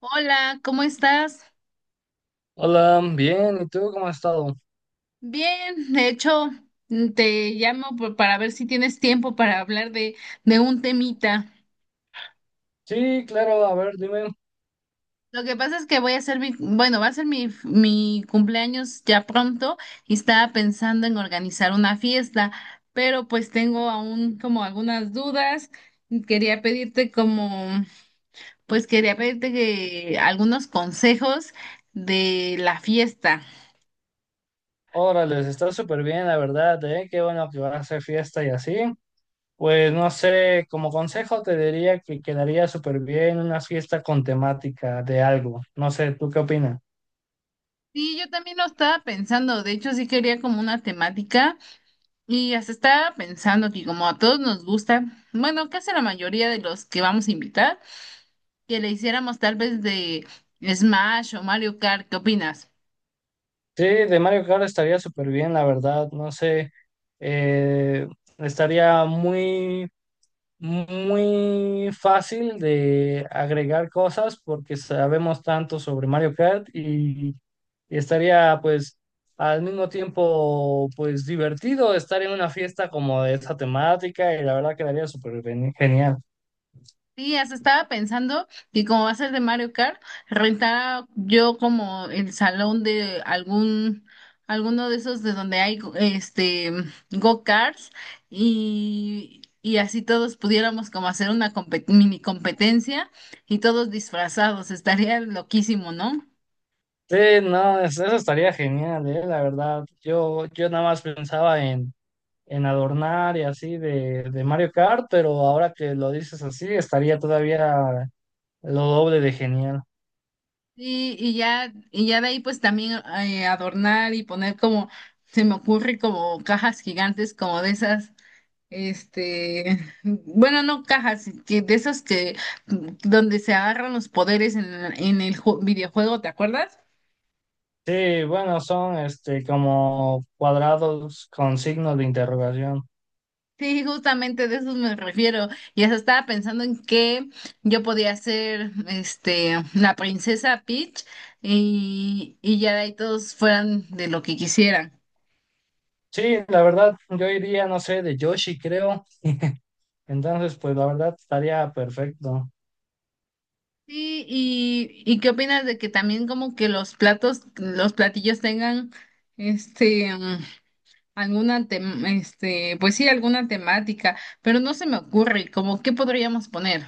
Hola, ¿cómo estás? Hola, bien, ¿y tú cómo has estado? Bien, de hecho, te llamo para ver si tienes tiempo para hablar de un temita. Sí, claro, a ver, dime. Lo que pasa es que voy a hacer mi, bueno, va a ser mi cumpleaños ya pronto y estaba pensando en organizar una fiesta, pero pues tengo aún como algunas dudas. Quería pedirte como, pues quería pedirte que algunos consejos de la fiesta. Órale, está súper bien, la verdad, ¿eh? Qué bueno que vas a hacer fiesta y así. Pues no sé, como consejo te diría que quedaría súper bien una fiesta con temática de algo. No sé, ¿tú qué opinas? Sí, yo también lo estaba pensando, de hecho sí quería como una temática. Y hasta estaba pensando que como a todos nos gusta, bueno, casi la mayoría de los que vamos a invitar, que le hiciéramos tal vez de Smash o Mario Kart, ¿qué opinas? Sí, de Mario Kart estaría súper bien, la verdad, no sé. eh, Estaría muy muy fácil de agregar cosas porque sabemos tanto sobre Mario Kart y estaría pues al mismo tiempo pues divertido estar en una fiesta como de esta temática y la verdad quedaría súper genial. Sí, hasta estaba pensando que como va a ser de Mario Kart, rentar yo como el salón de algún, alguno de esos de donde hay este go-karts y así todos pudiéramos como hacer una mini competencia y todos disfrazados, estaría loquísimo, ¿no? Sí, no, eso estaría genial, la verdad. Yo nada más pensaba en, adornar y así de Mario Kart, pero ahora que lo dices así, estaría todavía lo doble de genial. Sí, y ya de ahí pues también adornar y poner como, se me ocurre como cajas gigantes, como de esas, este, bueno, no cajas, que de esas que, donde se agarran los poderes en el videojuego, ¿te acuerdas? Sí, bueno, son este como cuadrados con signos de interrogación. Sí, justamente de eso me refiero. Y hasta estaba pensando en que yo podía ser, este, la princesa Peach y ya de ahí todos fueran de lo que quisieran. Sí, la verdad, yo iría, no sé, de Yoshi, creo. Entonces, pues la verdad estaría perfecto. Sí, ¿y qué opinas de que también como que los platos, los platillos tengan este alguna este, pues sí, alguna temática, pero no se me ocurre, ¿como qué podríamos poner?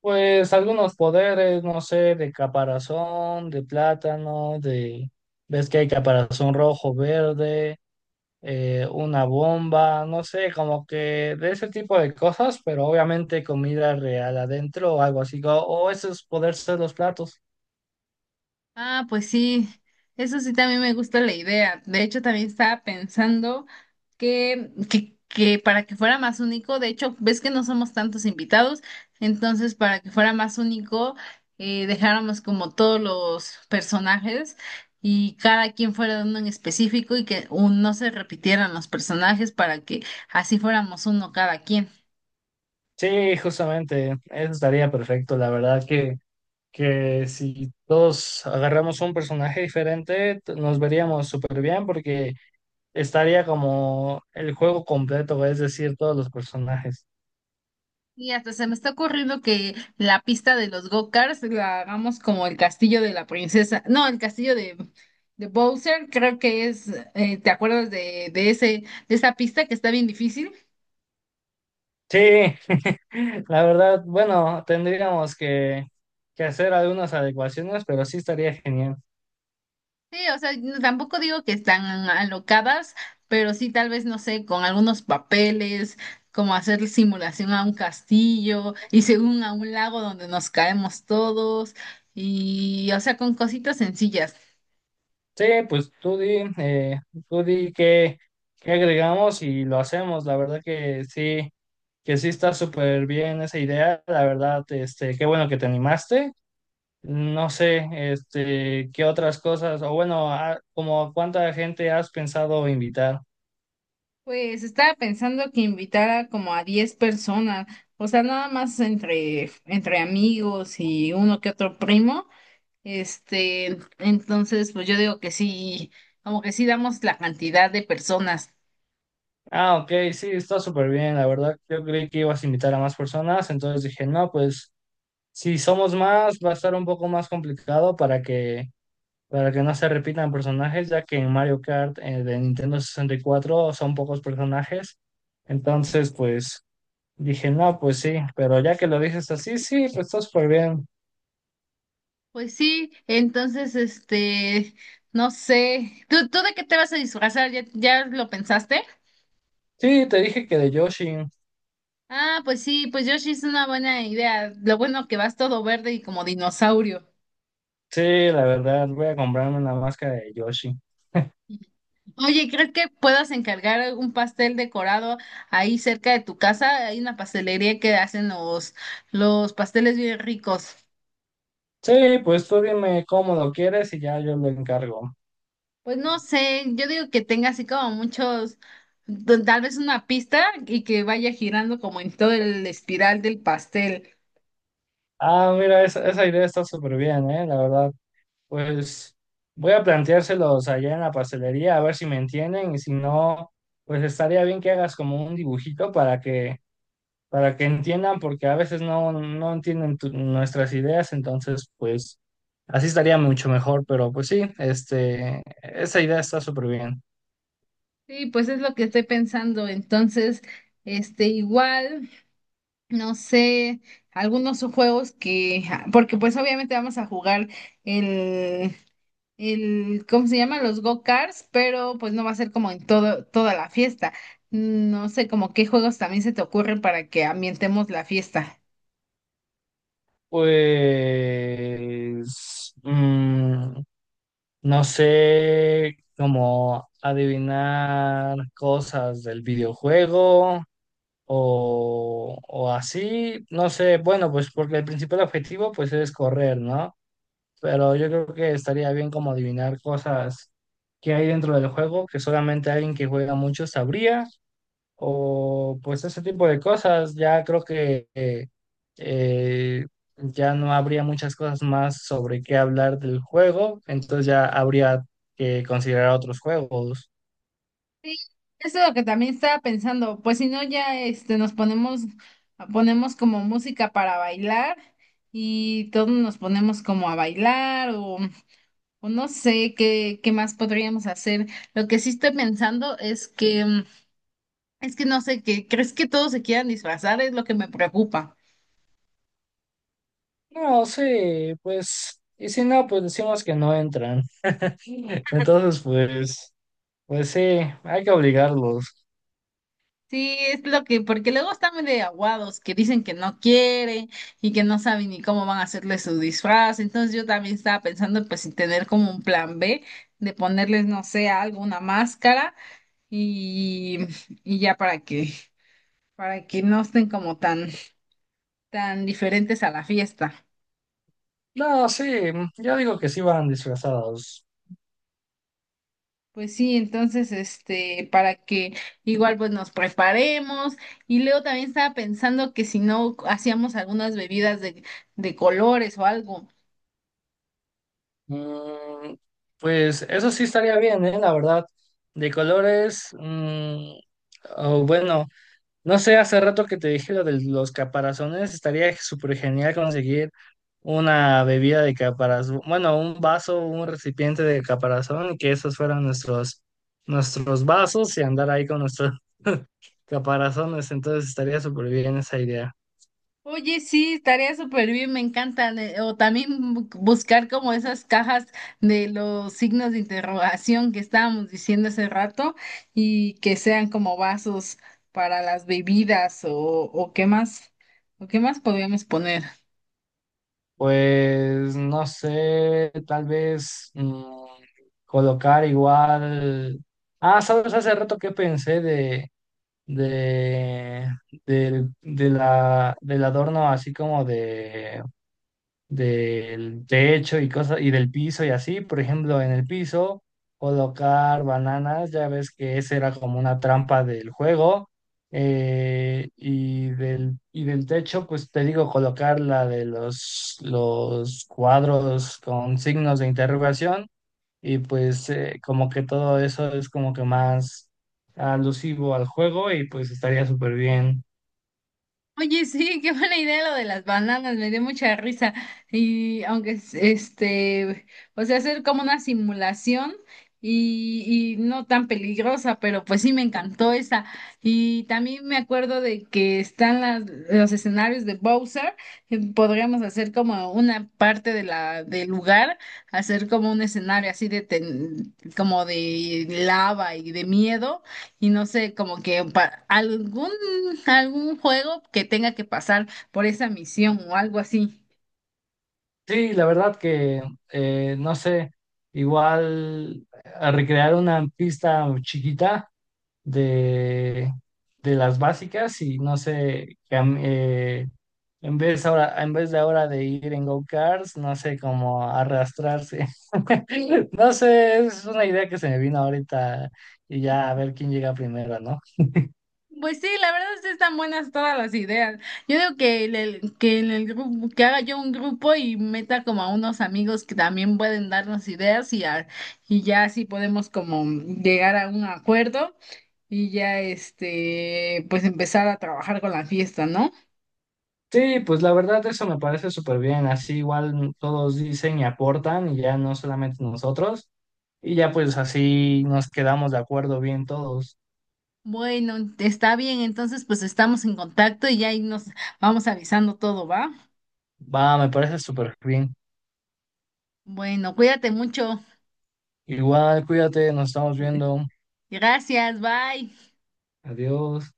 Pues algunos poderes, no sé, de caparazón, de plátano, de... Ves que hay caparazón rojo, verde, una bomba, no sé, como que de ese tipo de cosas, pero obviamente comida real adentro o algo así, o esos poderes de los platos. Ah, pues sí, eso sí también me gusta la idea. De hecho, también estaba pensando que para que fuera más único, de hecho, ves que no somos tantos invitados, entonces para que fuera más único, dejáramos como todos los personajes y cada quien fuera de uno en específico y que no se repitieran los personajes para que así fuéramos uno cada quien. Sí, justamente, eso estaría perfecto. La verdad que si todos agarramos un personaje diferente, nos veríamos súper bien porque estaría como el juego completo, es decir, todos los personajes. Y hasta se me está ocurriendo que la pista de los go-karts la hagamos como el castillo de la princesa. No, el castillo de Bowser, creo que es, ¿te acuerdas de ese, de esa pista que está bien difícil? Sí, la verdad, bueno, tendríamos que hacer algunas adecuaciones, pero sí estaría genial. Sí, o sea, tampoco digo que están alocadas, pero sí tal vez, no sé, con algunos papeles, como hacer simulación a un castillo y según a un lago donde nos caemos todos, y o sea, con cositas sencillas. Sí, pues tú di qué, agregamos y lo hacemos. La verdad que sí está súper bien esa idea. La verdad, este, qué bueno que te animaste. No sé, este, qué otras cosas, o bueno, ah, como cuánta gente has pensado invitar. Pues estaba pensando que invitara como a 10 personas, o sea, nada más entre amigos y uno que otro primo. Este, entonces, pues yo digo que sí, como que sí damos la cantidad de personas. Ah, ok, sí, está súper bien. La verdad, yo creí que ibas a invitar a más personas, entonces dije, no, pues si somos más, va a estar un poco más complicado para que no se repitan personajes, ya que en Mario Kart de Nintendo 64 son pocos personajes. Entonces, pues dije, no, pues sí, pero ya que lo dices así, sí, pues está súper bien. Pues sí, entonces, este, no sé, tú de qué te vas a disfrazar? Ya lo pensaste? Sí, te dije que de Yoshi. Ah, pues sí, pues Yoshi es una buena idea. Lo bueno que vas todo verde y como dinosaurio. Sí, la verdad, voy a comprarme una máscara de Yoshi. Oye, ¿crees que puedas encargar un pastel decorado ahí cerca de tu casa? Hay una pastelería que hacen los pasteles bien ricos. Sí, pues tú dime cómo lo quieres y ya yo lo encargo. Pues no sé, yo digo que tenga así como muchos, tal vez una pista y que vaya girando como en todo el espiral del pastel. Ah, mira, esa idea está súper bien, ¿eh? La verdad. Pues voy a planteárselos allá en la pastelería a ver si me entienden y si no, pues estaría bien que hagas como un dibujito para que entiendan porque a veces no entienden nuestras ideas, entonces pues así estaría mucho mejor, pero pues sí, este esa idea está súper bien. Sí, pues es lo que estoy pensando. Entonces, este, igual, no sé, algunos juegos que, ah, porque pues obviamente vamos a jugar el el, ¿cómo se llama? Los go-karts, pero pues no va a ser como en todo, toda la fiesta. No sé, como qué juegos también se te ocurren para que ambientemos la fiesta. Pues no sé cómo adivinar cosas del videojuego o así, no sé, bueno, pues porque el principal objetivo pues es correr, ¿no? Pero yo creo que estaría bien como adivinar cosas que hay dentro del juego que solamente alguien que juega mucho sabría, o pues ese tipo de cosas, ya creo que eh, ya no habría muchas cosas más sobre qué hablar del juego, entonces ya habría que considerar otros juegos. Sí, eso es lo que también estaba pensando. Pues si no, ya este, ponemos como música para bailar y todos nos ponemos como a bailar o no sé qué, qué más podríamos hacer. Lo que sí estoy pensando es que, es que no sé, que ¿crees que todos se quieran disfrazar? Es lo que me preocupa. No, sí, pues, y si no, pues decimos que no entran. Entonces, pues, pues sí, hay que obligarlos. Sí, es lo que, porque luego están de aguados, que dicen que no quieren y que no saben ni cómo van a hacerle su disfraz. Entonces yo también estaba pensando pues en tener como un plan B de ponerles, no sé, algo, una máscara y, y ya para que no estén como tan, tan diferentes a la fiesta. No, sí, yo digo que sí van disfrazados. Pues sí, entonces, este, para que igual pues nos preparemos. Y luego también estaba pensando que si no hacíamos algunas bebidas de colores o algo. Mm, pues eso sí estaría bien, ¿eh? La verdad. De colores, o bueno, no sé, hace rato que te dije lo de los caparazones, estaría súper genial conseguir una bebida de caparazón, bueno, un vaso, un recipiente de caparazón, y que esos fueran nuestros, nuestros vasos y andar ahí con nuestros caparazones, entonces estaría súper bien esa idea. Oye, sí, estaría súper bien, me encantan. O también buscar como esas cajas de los signos de interrogación que estábamos diciendo hace rato y que sean como vasos para las bebidas o qué más podríamos poner. Pues no sé, tal vez colocar igual. Ah, sabes, hace rato que pensé de, del- de la, del adorno así como de del techo y cosas y del piso y así, por ejemplo, en el piso colocar bananas, ya ves que esa era como una trampa del juego y del techo, pues te digo colocar la de los cuadros con signos de interrogación y pues como que todo eso es como que más alusivo al juego y pues estaría súper bien. Oye, sí, qué buena idea lo de las bananas, me dio mucha risa. Y aunque este, o sea, hacer como una simulación y no tan peligrosa, pero pues sí me encantó esa. Y también me acuerdo de que están las, los escenarios de Bowser, podríamos hacer como una parte de la, del lugar, hacer como un escenario así de como de lava y de miedo. Y no sé, como que algún, algún juego que tenga que pasar por esa misión o algo así. Sí, la verdad que, no sé, igual a recrear una pista chiquita de, de las básicas y no sé, en vez de ahora de ir en go-karts, no sé, como arrastrarse. No sé, es una idea que se me vino ahorita y ya a ver quién llega primero, ¿no? Pues sí, la verdad es que están buenas todas las ideas. Yo digo que, que en el grupo, que haga yo un grupo y meta como a unos amigos que también pueden darnos ideas y ya así podemos como llegar a un acuerdo y ya este, pues empezar a trabajar con la fiesta, ¿no? Sí, pues la verdad eso me parece súper bien, así igual todos dicen y aportan y ya no solamente nosotros y ya pues así nos quedamos de acuerdo bien todos. Bueno, está bien, entonces pues estamos en contacto y ya ahí nos vamos avisando todo, ¿va? Va, me parece súper bien. Bueno, cuídate mucho. Igual, cuídate, nos estamos viendo. Gracias, bye. Adiós.